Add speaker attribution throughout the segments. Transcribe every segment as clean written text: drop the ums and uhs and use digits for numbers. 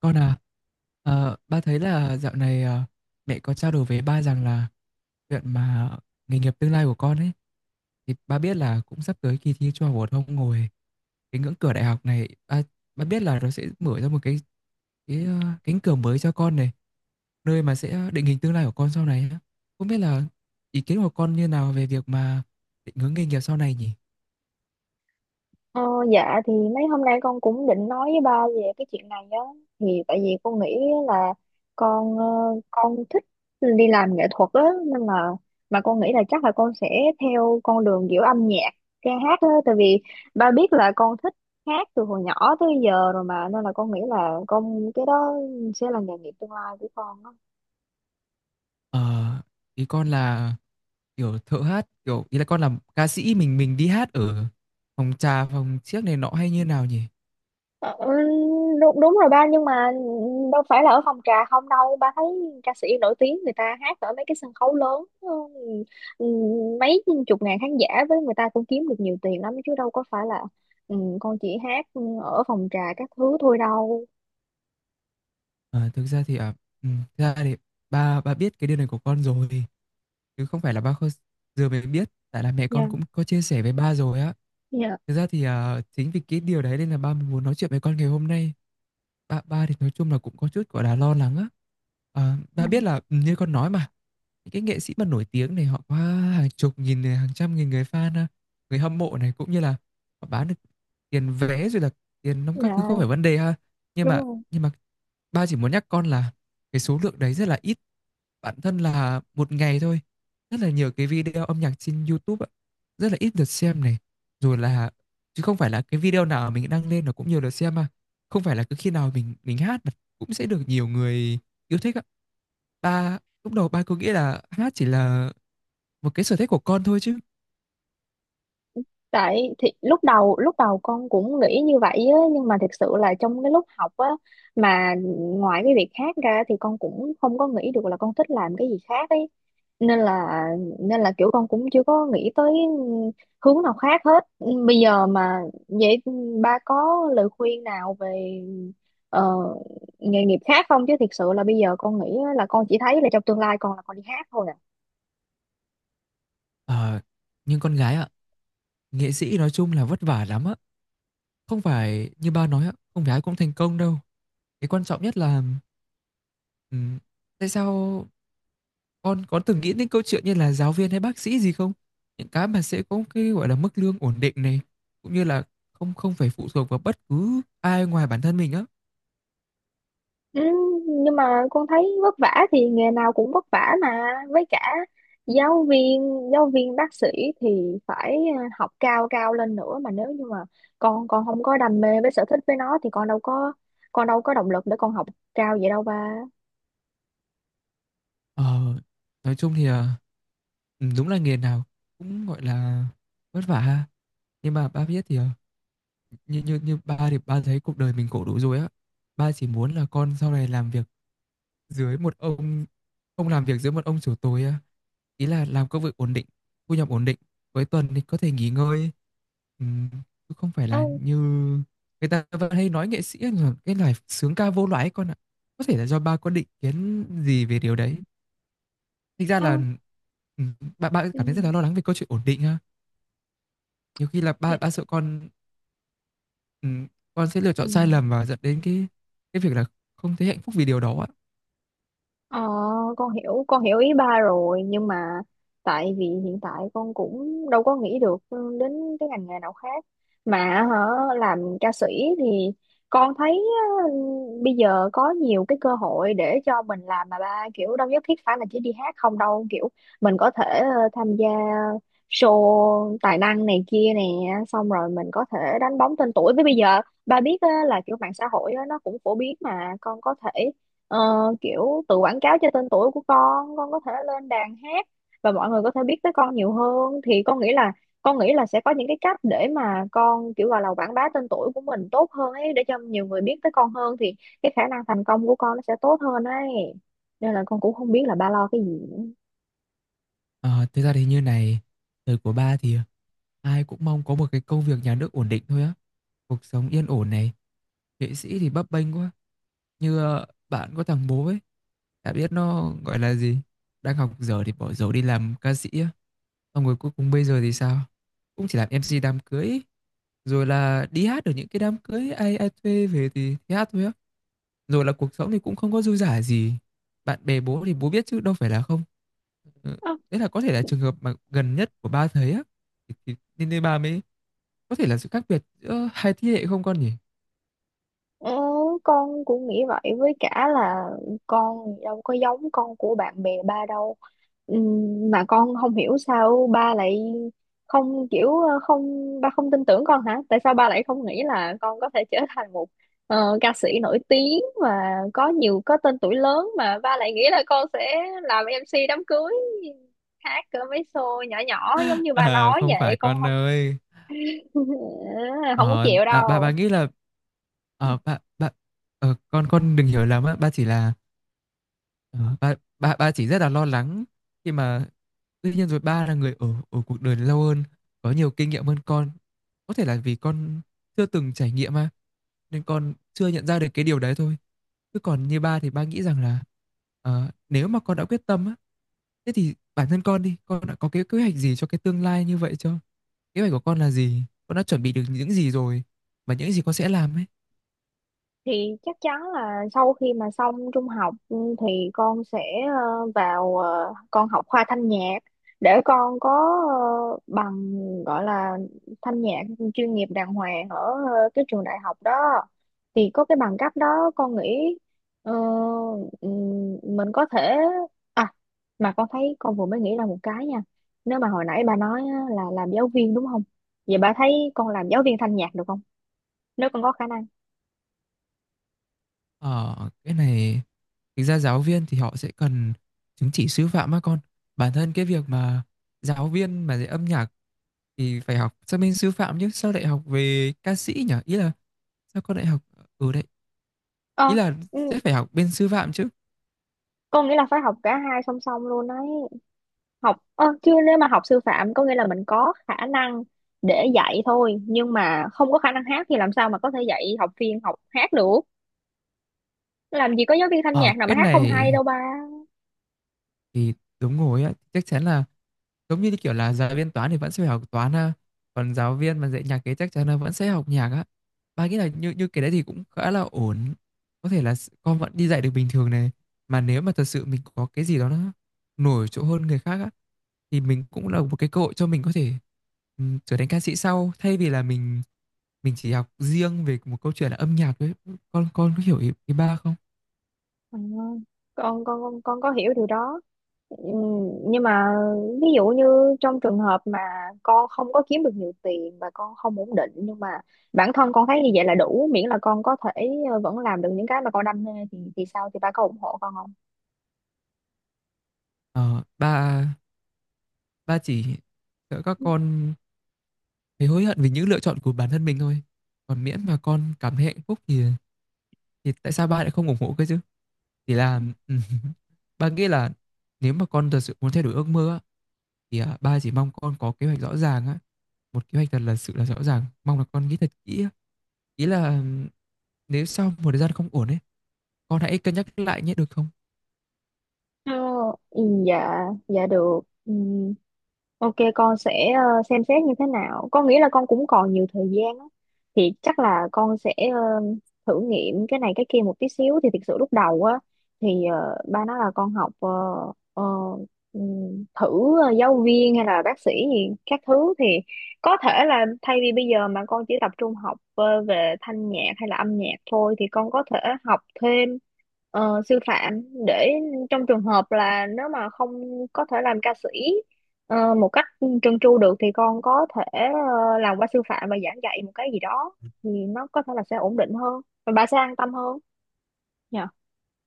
Speaker 1: Con à, ba thấy là dạo này mẹ có trao đổi với ba rằng là chuyện mà nghề nghiệp tương lai của con ấy thì ba biết là cũng sắp tới kỳ thi trung học phổ thông rồi. Cái ngưỡng cửa đại học này ba biết là nó sẽ mở ra một cái cánh cửa mới cho con này, nơi mà sẽ định hình tương lai của con sau này á. Không biết là ý kiến của con như nào về việc mà định hướng nghề nghiệp sau này nhỉ?
Speaker 2: Ờ, dạ thì mấy hôm nay con cũng định nói với ba về cái chuyện này á, thì tại vì con nghĩ là con con thích đi làm nghệ thuật á nên là mà con nghĩ là chắc là con sẽ theo con đường kiểu âm nhạc ca hát á, tại vì ba biết là con thích hát từ hồi nhỏ tới giờ rồi mà, nên là con nghĩ là con cái đó sẽ là nghề nghiệp tương lai của con á.
Speaker 1: Ờ, ý con là kiểu thợ hát, kiểu ý là con làm ca sĩ, mình đi hát ở phòng trà, phòng chiếc này nọ hay như nào nhỉ?
Speaker 2: Ờ, đúng đúng rồi ba, nhưng mà đâu phải là ở phòng trà không đâu, ba thấy ca sĩ nổi tiếng người ta hát ở mấy cái sân khấu lớn, ừ, ừ, mấy chục ngàn khán giả với người ta cũng kiếm được nhiều tiền lắm chứ đâu có phải là con chỉ hát ở phòng trà các thứ thôi đâu.
Speaker 1: Ờ, thực ra thì ừ, thực ra thì ba ba biết cái điều này của con rồi, chứ không phải là ba giờ mới biết, tại là mẹ con
Speaker 2: Dạ,
Speaker 1: cũng có chia sẻ với ba rồi á.
Speaker 2: dạ,
Speaker 1: Thực ra thì à, chính vì cái điều đấy nên là ba mới muốn nói chuyện với con ngày hôm nay. Ba ba thì nói chung là cũng có chút gọi là lo lắng á.
Speaker 2: ừ,
Speaker 1: Ba biết là như con nói mà, những cái nghệ sĩ mà nổi tiếng này họ có hàng chục nghìn này, hàng trăm nghìn người fan à, người hâm mộ này, cũng như là họ bán được tiền vé, rồi là tiền nóng các thứ không phải
Speaker 2: dạ
Speaker 1: vấn đề ha. nhưng
Speaker 2: đúng
Speaker 1: mà
Speaker 2: rồi.
Speaker 1: nhưng mà ba chỉ muốn nhắc con là cái số lượng đấy rất là ít. Bản thân là một ngày thôi rất là nhiều cái video âm nhạc trên YouTube ạ, rất là ít lượt xem này, rồi là chứ không phải là cái video nào mình đăng lên nó cũng nhiều lượt xem mà, không phải là cứ khi nào mình hát mà cũng sẽ được nhiều người yêu thích ạ. ba Lúc đầu ba cứ nghĩ là hát chỉ là một cái sở thích của con thôi chứ.
Speaker 2: Tại thì lúc đầu con cũng nghĩ như vậy á, nhưng mà thực sự là trong cái lúc học á mà ngoài cái việc khác ra thì con cũng không có nghĩ được là con thích làm cái gì khác ấy, nên là kiểu con cũng chưa có nghĩ tới hướng nào khác hết bây giờ mà. Vậy ba có lời khuyên nào về ờ, nghề nghiệp khác không, chứ thực sự là bây giờ con nghĩ á là con chỉ thấy là trong tương lai con là con đi hát thôi à.
Speaker 1: Ờ, nhưng con gái ạ, nghệ sĩ nói chung là vất vả lắm ạ, không phải như ba nói ạ, không phải ai cũng thành công đâu. Cái quan trọng nhất là, ừm, tại sao con có từng nghĩ đến câu chuyện như là giáo viên hay bác sĩ gì không? Những cái mà sẽ có cái gọi là mức lương ổn định này, cũng như là không không phải phụ thuộc vào bất cứ ai ngoài bản thân mình á.
Speaker 2: Ừ, nhưng mà con thấy vất vả thì nghề nào cũng vất vả mà, với cả giáo viên giáo viên bác sĩ thì phải học cao cao lên nữa, mà nếu như mà con không có đam mê với sở thích với nó thì con đâu có động lực để con học cao vậy đâu ba.
Speaker 1: Ờ, nói chung thì à, ừ, đúng là nghề nào cũng gọi là vất vả ha. Nhưng mà ba biết thì à, như như như ba thì ba thấy cuộc đời mình khổ đủ rồi á. Ba chỉ muốn là con sau này làm việc dưới một ông, làm việc dưới một ông chủ tối á, ý là làm công việc ổn định, thu nhập ổn định, cuối tuần thì có thể nghỉ ngơi, Ừm, chứ không phải là
Speaker 2: Ừ,
Speaker 1: như người ta vẫn hay nói nghệ sĩ là cái loài sướng ca vô loại ấy con ạ. Có thể là do ba có định kiến gì về điều đấy, thực ra là
Speaker 2: ừ,
Speaker 1: ừm, ba ba
Speaker 2: ừ,
Speaker 1: cảm thấy rất là lo lắng về câu chuyện ổn định ha. Nhiều khi là ba ba sợ ừm, con sẽ lựa
Speaker 2: ừ.
Speaker 1: chọn sai lầm và dẫn đến cái việc là không thấy hạnh phúc vì điều đó ạ.
Speaker 2: Ờ, con hiểu ý ba rồi, nhưng mà tại vì hiện tại con cũng đâu có nghĩ được ừ, đến cái ngành nghề nào khác mà hả. Làm ca sĩ thì con thấy ừ, bây giờ có nhiều cái cơ hội để cho mình làm mà ba, kiểu đâu nhất thiết phải là chỉ đi hát không đâu, kiểu mình có thể tham gia show tài năng này kia nè, xong rồi mình có thể đánh bóng tên tuổi, với bây giờ ba biết á, là kiểu mạng xã hội á, nó cũng phổ biến mà con có thể Ờ, kiểu tự quảng cáo cho tên tuổi của con có thể lên đàn hát và mọi người có thể biết tới con nhiều hơn, thì con nghĩ là sẽ có những cái cách để mà con kiểu gọi là quảng bá tên tuổi của mình tốt hơn ấy, để cho nhiều người biết tới con hơn, thì cái khả năng thành công của con nó sẽ tốt hơn ấy, nên là con cũng không biết là ba lo cái gì nữa.
Speaker 1: Ờ, thực ra thì như này, thời của ba thì ờ, ai cũng mong có một cái công việc nhà nước ổn định thôi á, cuộc sống yên ổn này, nghệ sĩ thì bấp bênh quá, như ờ, bạn có thằng bố ấy, đã biết nó gọi là gì, đang học dở thì bỏ dở đi làm ca sĩ á, xong rồi cuối cùng bây giờ thì sao, cũng chỉ làm MC đám cưới, rồi là đi hát ở những cái đám cưới ai ai thuê về thì hát thôi á, rồi là cuộc sống thì cũng không có dư dả gì. Bạn bè bố thì bố biết chứ đâu phải là không. Ừ. Đấy là có thể là trường hợp mà gần nhất của ba thấy á. Thì, nên nên ba mới, có thể là sự khác biệt giữa hai thế hệ không con nhỉ?
Speaker 2: Ừ, con cũng nghĩ vậy, với cả là con đâu có giống con của bạn bè ba đâu. Mà con không hiểu sao ba lại không, kiểu ờ, không ba không tin tưởng con hả? Tại sao ba lại không nghĩ là con có thể trở thành một ca sĩ nổi tiếng và có tên tuổi lớn, mà ba lại nghĩ là con sẽ làm em MC đám cưới, hát cỡ mấy show nhỏ nhỏ giống như ba
Speaker 1: À
Speaker 2: nói
Speaker 1: không
Speaker 2: vậy?
Speaker 1: phải
Speaker 2: Con
Speaker 1: con
Speaker 2: không
Speaker 1: ơi.
Speaker 2: không có chịu
Speaker 1: Bà
Speaker 2: đâu.
Speaker 1: nghĩ là ờ, bà bà con đừng hiểu lầm á, ba chỉ là, ba chỉ rất là lo lắng khi mà, tuy nhiên rồi ba là người ở ở cuộc đời lâu hơn, có nhiều kinh nghiệm hơn con. Có thể là vì con chưa từng trải nghiệm mà nên con chưa nhận ra được cái điều đấy thôi. Chứ còn như ba thì ba nghĩ rằng là, nếu mà con đã quyết tâm á, thế thì bản thân con đi, con đã có cái kế hoạch gì cho cái tương lai như vậy chưa, kế hoạch của con là gì, con đã chuẩn bị được những gì rồi và những gì con sẽ làm ấy?
Speaker 2: Thì chắc chắn là sau khi mà xong trung học ừ, thì con sẽ vào con học khoa thanh nhạc để con có bằng gọi là thanh nhạc chuyên nghiệp đàng hoàng ở cái trường đại học đó, thì có cái bằng cấp đó con nghĩ ờ, mình có thể à. Mà con thấy con vừa mới nghĩ ra một cái nha, nếu mà hồi nãy bà nói á, là làm giáo viên đúng không, vậy bà thấy con làm giáo viên thanh nhạc được không, nếu con có khả năng.
Speaker 1: Ờ, cái này thực ra giáo viên thì họ sẽ cần chứng chỉ sư phạm á con. Bản thân cái việc mà giáo viên mà dạy âm nhạc thì phải học sang bên sư phạm chứ sao lại học về ca sĩ nhỉ? Ý là sao con lại học ở đấy, ý
Speaker 2: Ờ,
Speaker 1: là
Speaker 2: ừ,
Speaker 1: sẽ phải học bên sư phạm chứ.
Speaker 2: có nghĩa là phải học cả hai song song luôn đấy. Học ơ, chứ nếu mà học sư phạm có nghĩa là mình có khả năng để dạy thôi, nhưng mà không có khả năng hát thì làm sao mà có thể dạy học viên học hát được. Làm gì có giáo viên thanh
Speaker 1: Ở
Speaker 2: nhạc nào mà
Speaker 1: cái
Speaker 2: hát không hay
Speaker 1: này
Speaker 2: đâu ba.
Speaker 1: thì đúng rồi á, chắc chắn là giống như kiểu là giáo viên toán thì vẫn sẽ phải học toán ha. Còn giáo viên mà dạy nhạc kế chắc chắn là vẫn sẽ học nhạc á. Ba nghĩ là như như cái đấy thì cũng khá là ổn. Có thể là con vẫn đi dạy được bình thường này. Mà nếu mà thật sự mình có cái gì đó nó nổi trội hơn người khác á, thì mình cũng là một cái cơ hội cho mình có thể trở thành ca sĩ sau, thay vì là mình chỉ học riêng về một câu chuyện là âm nhạc đấy. Con có hiểu ý ba không?
Speaker 2: À, con có hiểu điều đó. Nhưng mà ví dụ như trong trường hợp mà con không có kiếm được nhiều tiền và con không ổn định, nhưng mà bản thân con thấy như vậy là đủ, miễn là con có thể vẫn làm được những cái mà con đam mê thì sao, thì ba có ủng hộ con không?
Speaker 1: Ờ, ba ba chỉ sợ các con thấy hối hận vì những lựa chọn của bản thân mình thôi. Còn miễn mà con cảm thấy hạnh phúc thì tại sao ba lại không ủng hộ cơ chứ? Chỉ là ba nghĩ là, nếu mà con thật sự muốn thay đổi ước mơ á, thì à, ba chỉ mong con có kế hoạch rõ ràng á, một kế hoạch thật là sự là rõ ràng, mong là con nghĩ thật kỹ á. Ý là ừ, nếu sau một thời gian không ổn ấy, con hãy cân nhắc lại nhé được không?
Speaker 2: Ờ, ừ, dạ dạ được, ừ, ok con sẽ xem xét như thế nào. Con nghĩ là con cũng còn nhiều thời gian á. Thì chắc là con sẽ thử nghiệm cái này cái kia một tí xíu. Thì thực sự lúc đầu á thì ba nói là con học ờ, thử giáo viên hay là bác sĩ gì các thứ, thì có thể là thay vì bây giờ mà con chỉ tập trung học về thanh nhạc hay là âm nhạc thôi, thì con có thể học thêm sư phạm, để trong trường hợp là nếu mà không có thể làm ca sĩ một cách trơn tru được, thì con có thể làm qua sư phạm và giảng dạy một cái gì đó, thì nó có thể là sẽ ổn định hơn và bà sẽ an tâm hơn nhờ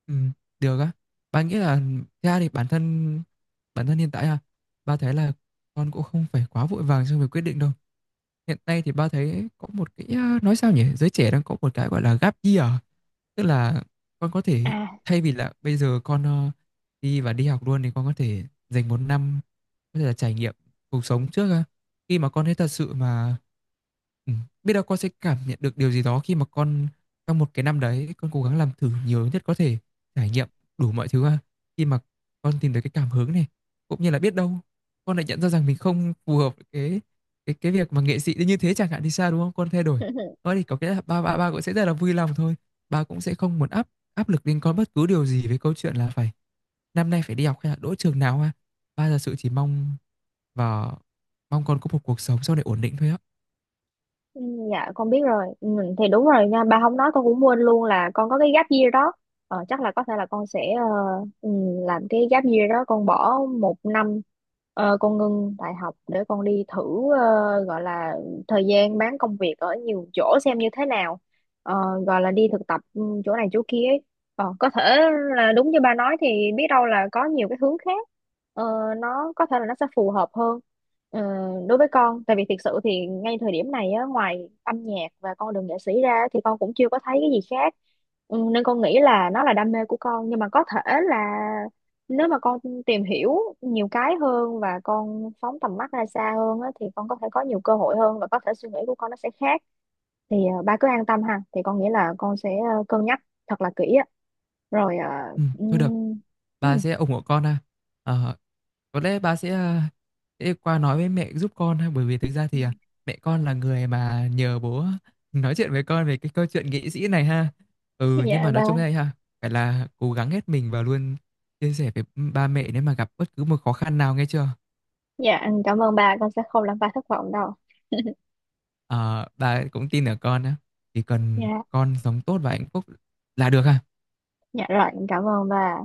Speaker 1: Ừ, được á. Bạn nghĩ là thế ra thì bản thân hiện tại à, ba thấy là con cũng không phải quá vội vàng trong việc quyết định đâu. Hiện nay thì ba thấy có một cái à, nói sao nhỉ, giới trẻ đang có một cái gọi là gap year, tức là con có thể,
Speaker 2: à.
Speaker 1: thay vì là bây giờ con đi và đi học luôn thì con có thể dành một năm, có thể là trải nghiệm cuộc sống trước á. Khi mà con thấy thật sự mà ừ, biết đâu con sẽ cảm nhận được điều gì đó, khi mà con trong một cái năm đấy con cố gắng làm thử nhiều nhất có thể, trải nghiệm đủ mọi thứ ha. Khi mà con tìm được cái cảm hứng này, cũng như là biết đâu con lại nhận ra rằng mình không phù hợp với cái việc mà nghệ sĩ như thế chẳng hạn thì sao, đúng không con, thay đổi đó thì có cái ba ba ba cũng sẽ rất là vui lòng thôi. Ba cũng sẽ không muốn áp áp lực lên con bất cứ điều gì với câu chuyện là phải năm nay phải đi học hay là đỗ trường nào ha. Ba thật sự chỉ mong và mong con có một cuộc sống sau này ổn định thôi á.
Speaker 2: Ừ, dạ con biết rồi, ừ, thì đúng rồi nha, bà không nói con cũng quên luôn là con có cái gap year đó. Ờ, chắc là có thể là con sẽ ừ, làm cái gap year đó, con bỏ một năm, con ngưng đại học để con đi thử gọi là thời gian bán công việc ở nhiều chỗ xem như thế nào. Ờ, gọi là đi thực tập ừ, chỗ này chỗ kia ấy. Ờ, có thể là đúng như ba nói, thì biết đâu là có nhiều cái hướng khác ờ, nó có thể là nó sẽ phù hợp hơn ờ, đối với con, tại vì thực sự thì ngay thời điểm này á, ngoài âm nhạc và con đường nghệ sĩ ra thì con cũng chưa có thấy cái gì khác, ừ, nên con nghĩ là nó là đam mê của con, nhưng mà có thể là nếu mà con tìm hiểu nhiều cái hơn và con phóng tầm mắt ra xa hơn á, thì con có thể có nhiều cơ hội hơn và có thể suy nghĩ của con nó sẽ khác, thì ba cứ an tâm ha, thì con nghĩ là con sẽ cân nhắc thật là kỹ á rồi à,
Speaker 1: Thôi được,
Speaker 2: ừm,
Speaker 1: ba
Speaker 2: ừm.
Speaker 1: sẽ ủng hộ con ha. Ờ, có lẽ ba sẽ, sẽ qua nói với mẹ giúp con ha, bởi vì thực ra thì, à, mẹ con là người mà nhờ bố nói chuyện với con về cái câu chuyện nghệ sĩ này ha. Ừ, nhưng
Speaker 2: Dạ
Speaker 1: mà nói
Speaker 2: ba.
Speaker 1: chung đây ha, phải là cố gắng hết mình và luôn chia sẻ với ba mẹ nếu mà gặp bất cứ một khó khăn nào, nghe chưa?
Speaker 2: Dạ em cảm ơn ba, con sẽ không làm ba thất vọng đâu.
Speaker 1: Ờ, ba cũng tin ở con á, chỉ cần
Speaker 2: Dạ.
Speaker 1: con sống tốt và hạnh phúc là được ha.
Speaker 2: Dạ rồi em cảm ơn ba.